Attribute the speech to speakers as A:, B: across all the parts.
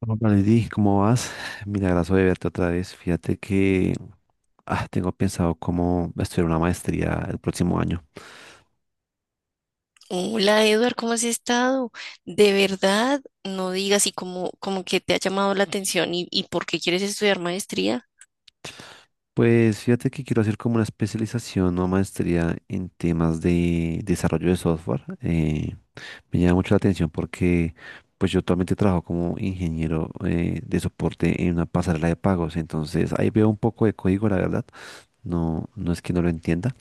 A: Hola, Valentín, ¿cómo vas? Milagroso de verte otra vez. Fíjate que tengo pensado cómo estudiar una maestría el próximo año.
B: Hola, Edward, ¿cómo has estado? De verdad, no digas y como que te ha llamado la atención y por qué quieres estudiar maestría.
A: Pues fíjate que quiero hacer como una especialización o maestría en temas de desarrollo de software. Me llama mucho la atención porque pues yo actualmente trabajo como ingeniero de soporte en una pasarela de pagos. Entonces ahí veo un poco de código, la verdad. No, no es que no lo entienda.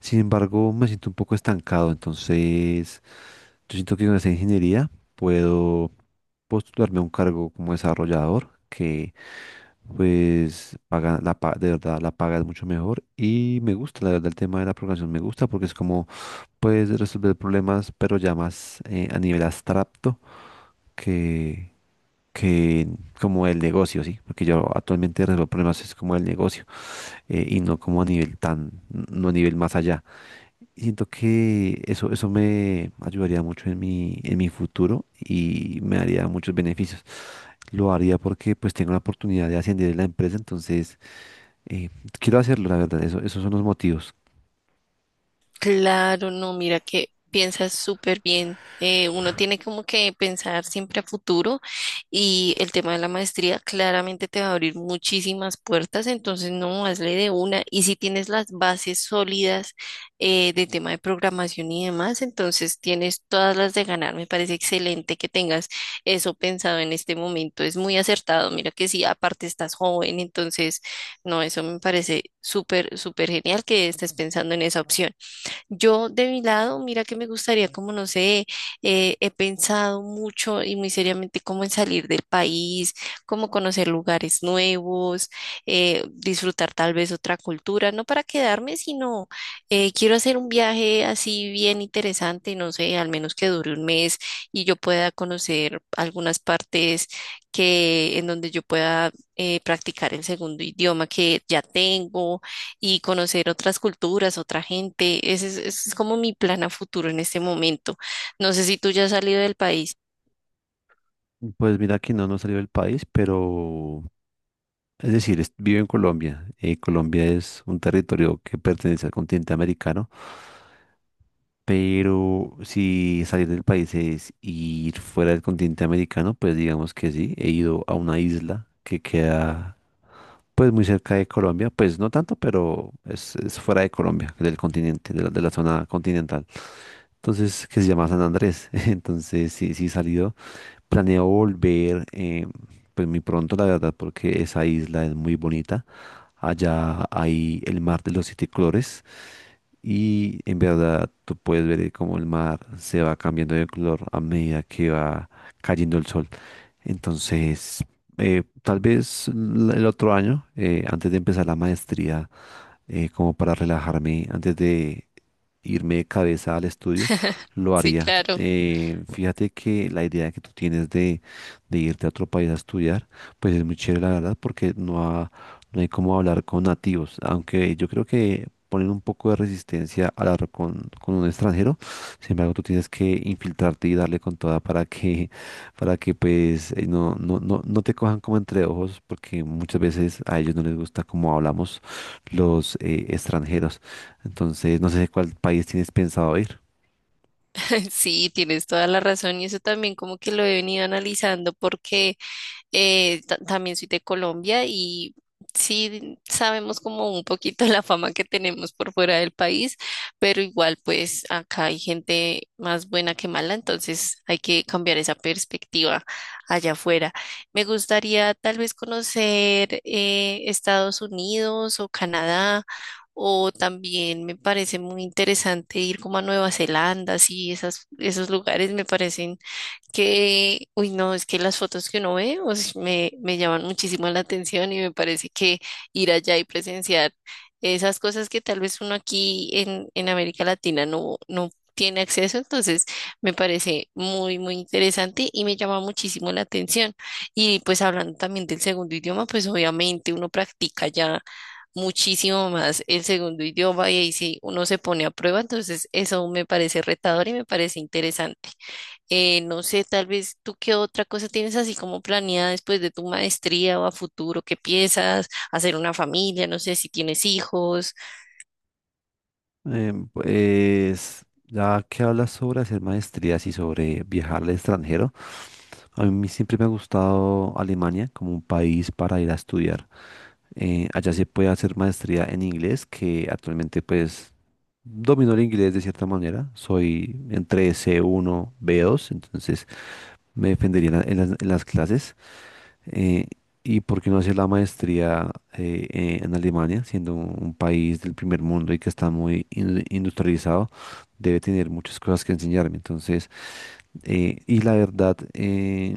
A: Sin embargo, me siento un poco estancado, entonces yo siento que con esa ingeniería puedo postularme a un cargo como desarrollador que pues paga la de verdad la paga es mucho mejor y me gusta, la verdad el tema de la programación me gusta porque es como puedes resolver problemas pero ya más a nivel abstracto que que como el negocio, ¿sí? Porque yo actualmente resuelvo problemas es como el negocio, y no como a nivel tan, no a nivel más allá. Y siento que eso me ayudaría mucho en mi futuro y me daría muchos beneficios. Lo haría porque pues tengo la oportunidad de ascender en la empresa, entonces eh, quiero hacerlo, la verdad, eso, esos son los motivos.
B: Claro, no, mira que piensas súper bien. Uno tiene como que pensar siempre a futuro y el tema de la maestría claramente te va a abrir muchísimas puertas, entonces no, hazle de una. Y si tienes las bases sólidas, de tema de programación y demás, entonces tienes todas las de ganar. Me parece excelente que tengas eso pensado en este momento. Es muy acertado. Mira que sí, aparte estás joven, entonces no, eso me parece súper, súper genial que estés pensando en esa opción. Yo de mi lado, mira que me gustaría, como no sé, he pensado mucho y muy seriamente como en salir del país, como conocer lugares nuevos, disfrutar tal vez otra cultura, no para quedarme, sino quiero hacer un viaje así bien interesante, no sé, al menos que dure un mes y yo pueda conocer algunas partes que en donde yo pueda practicar el segundo idioma que ya tengo y conocer otras culturas, otra gente. Ese es como mi plan a futuro en este momento. No sé si tú ya has salido del país.
A: Pues mira que no, no salió del país, pero es decir, vivo en Colombia. Colombia es un territorio que pertenece al continente americano, pero si salir del país es ir fuera del continente americano, pues digamos que sí, he ido a una isla que queda. Pues muy cerca de Colombia, pues no tanto, pero es fuera de Colombia, del continente, de la zona continental. Entonces, que se llama San Andrés. Entonces, sí, sí he salido. Planeo volver, pues muy pronto, la verdad, porque esa isla es muy bonita. Allá hay el mar de los siete colores y en verdad tú puedes ver cómo el mar se va cambiando de color a medida que va cayendo el sol. Entonces, tal vez el otro año, antes de empezar la maestría, como para relajarme antes de, irme de cabeza al estudio, lo
B: Sí,
A: haría.
B: claro.
A: Fíjate que la idea que tú tienes de irte a otro país a estudiar, pues es muy chévere, la verdad, porque no, no hay como hablar con nativos, aunque yo creo que ponen un poco de resistencia al hablar con un extranjero, sin embargo, tú tienes que infiltrarte y darle con toda para que pues no, no, no, no te cojan como entre ojos, porque muchas veces a ellos no les gusta cómo hablamos los extranjeros. Entonces, no sé cuál país tienes pensado ir.
B: Sí, tienes toda la razón y eso también como que lo he venido analizando porque también soy de Colombia y sí sabemos como un poquito la fama que tenemos por fuera del país, pero igual pues acá hay gente más buena que mala, entonces hay que cambiar esa perspectiva allá afuera. Me gustaría tal vez conocer, Estados Unidos o Canadá. O también me parece muy interesante ir como a Nueva Zelanda, sí, esos lugares me parecen que, uy, no, es que las fotos que uno ve, o sea, me llaman muchísimo la atención y me parece que ir allá y presenciar esas cosas que tal vez uno aquí en América Latina no, no tiene acceso, entonces me parece muy, muy interesante y me llama muchísimo la atención. Y pues hablando también del segundo idioma, pues obviamente uno practica ya muchísimo más el segundo idioma y ahí sí uno se pone a prueba, entonces eso me parece retador y me parece interesante. No sé, tal vez tú qué otra cosa tienes así como planeada después de tu maestría o a futuro, qué piensas, hacer una familia, no sé si tienes hijos.
A: Pues, ya que hablas sobre hacer maestrías y sobre viajar al extranjero, a mí siempre me ha gustado Alemania como un país para ir a estudiar. Allá se puede hacer maestría en inglés, que actualmente pues domino el inglés de cierta manera. Soy entre c uno b dos, entonces me defendería en en las clases. eh, y por qué no hacer la maestría en Alemania, siendo un país del primer mundo y que está muy industrializado, debe tener muchas cosas que enseñarme. Entonces, y la verdad,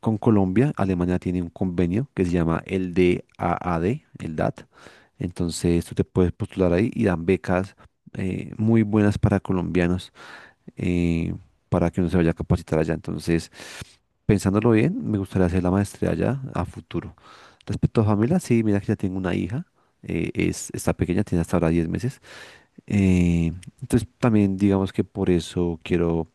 A: con Colombia, Alemania tiene un convenio que se llama el DAAD, el DAT. Entonces, tú te puedes postular ahí y dan becas muy buenas para colombianos, eh, para que uno se vaya a capacitar allá. Entonces, pensándolo bien, me gustaría hacer la maestría ya a futuro. Respecto a familia, sí, mira que ya tengo una hija, es, está pequeña, tiene hasta ahora 10 meses. eh, entonces también digamos que por eso quiero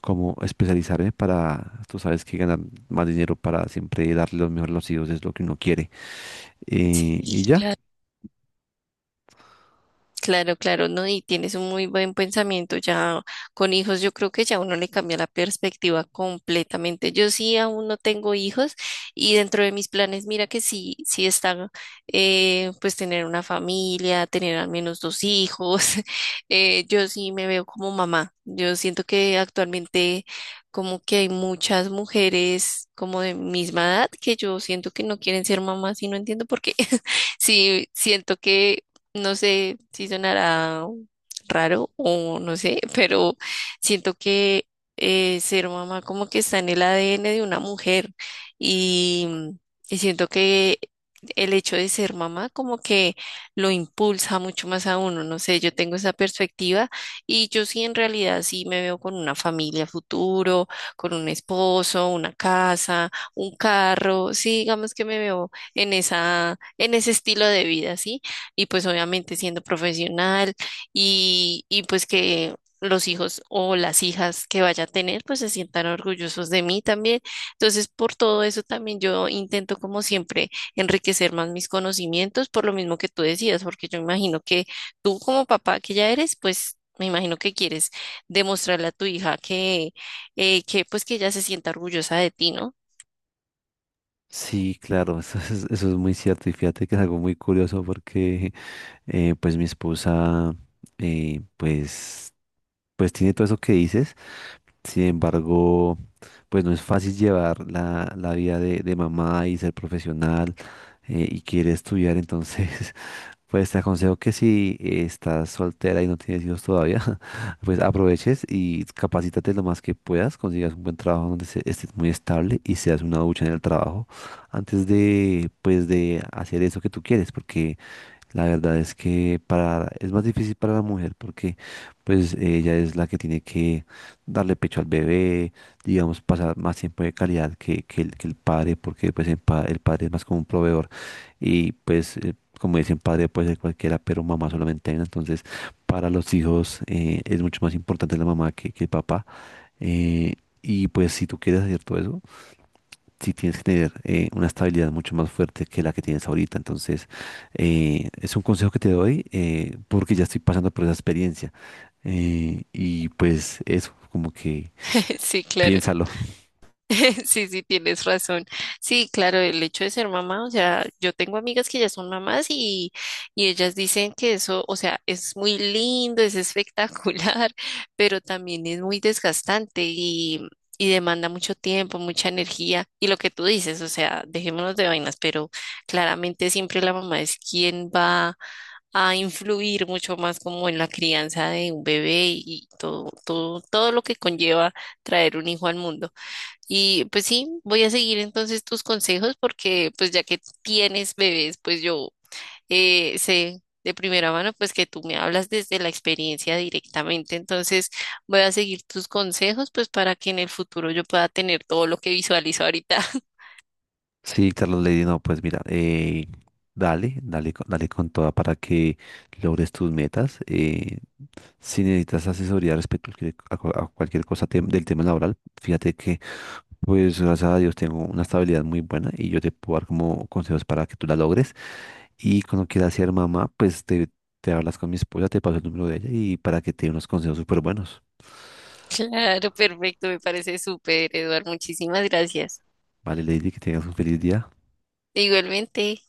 A: como especializarme para, tú sabes que ganar más dinero para siempre darle lo mejor a los hijos es lo que uno quiere.
B: Sí,
A: Y ya.
B: claro. Claro, claro, ¿no? Y tienes un muy buen pensamiento. Ya con hijos, yo creo que ya uno le cambia la perspectiva completamente. Yo sí aún no tengo hijos y dentro de mis planes, mira que sí, sí está, pues tener una familia, tener al menos dos hijos. Yo sí me veo como mamá. Yo siento que actualmente como que hay muchas mujeres como de misma edad que yo siento que no quieren ser mamás y no entiendo por qué. Sí, siento que no sé si sonará raro o no sé, pero siento que, ser mamá como que está en el ADN de una mujer y, y siento que el hecho de ser mamá como que lo impulsa mucho más a uno, no sé, yo tengo esa perspectiva y yo sí en realidad sí me veo con una familia futuro, con un esposo, una casa, un carro, sí, digamos que me veo en esa, en ese estilo de vida, ¿sí? Y pues obviamente siendo profesional y pues que los hijos o las hijas que vaya a tener pues se sientan orgullosos de mí también. Entonces, por todo eso también yo intento como siempre enriquecer más mis conocimientos por lo mismo que tú decías, porque yo imagino que tú como papá que ya eres, pues me imagino que quieres demostrarle a tu hija que pues que ella se sienta orgullosa de ti, ¿no?
A: Sí, claro, eso es muy cierto y fíjate que es algo muy curioso porque pues mi esposa, eh, pues pues tiene todo eso que dices. Sin embargo, pues no es fácil llevar la, la vida de mamá y ser profesional, y quiere estudiar, entonces, pues te aconsejo que si estás soltera y no tienes hijos todavía, pues aproveches y capacítate lo más que puedas, consigas un buen trabajo donde estés muy estable y seas una ducha en el trabajo antes de, pues, de hacer eso que tú quieres, porque la verdad es que para, es más difícil para la mujer porque pues ella es la que tiene que darle pecho al bebé, digamos, pasar más tiempo de calidad que el padre, porque pues el, el padre es más como un proveedor y pues como dicen padre puede ser cualquiera, pero mamá solamente hay una. Entonces para los hijos es mucho más importante la mamá que el papá. eh, y pues si tú quieres hacer todo eso, sí tienes que tener una estabilidad mucho más fuerte que la que tienes ahorita. Entonces, es un consejo que te doy, porque ya estoy pasando por esa experiencia. Y pues eso, como que
B: Sí, claro.
A: piénsalo.
B: Sí, sí, tienes razón. Sí, claro, el hecho de ser mamá, o sea, yo tengo amigas que ya son mamás y ellas dicen que eso, o sea, es muy lindo, es espectacular, pero también es muy desgastante y demanda mucho tiempo, mucha energía. Y lo que tú dices, o sea, dejémonos de vainas, pero claramente siempre la mamá es quien va a influir mucho más como en la crianza de un bebé y todo, todo, todo lo que conlleva traer un hijo al mundo. Y pues sí, voy a seguir entonces tus consejos porque pues ya que tienes bebés, pues yo, sé de primera mano pues que tú me hablas desde la experiencia directamente. Entonces voy a seguir tus consejos pues para que en el futuro yo pueda tener todo lo que visualizo ahorita.
A: Sí, Carlos Lady, no, pues mira, dale, dale, dale con toda para que logres tus metas. Si necesitas asesoría respecto a cualquier a cualquier cosa del tema laboral, fíjate que... Pues gracias a Dios tengo una estabilidad muy buena y yo te puedo dar como consejos para que tú la logres. Y cuando quieras ser mamá, pues te hablas con mi esposa, te paso el número de ella y para que te dé unos consejos súper buenos.
B: Claro, perfecto, me parece súper, Eduard. Muchísimas gracias.
A: Vale, Lady, que tengas un feliz día.
B: Igualmente.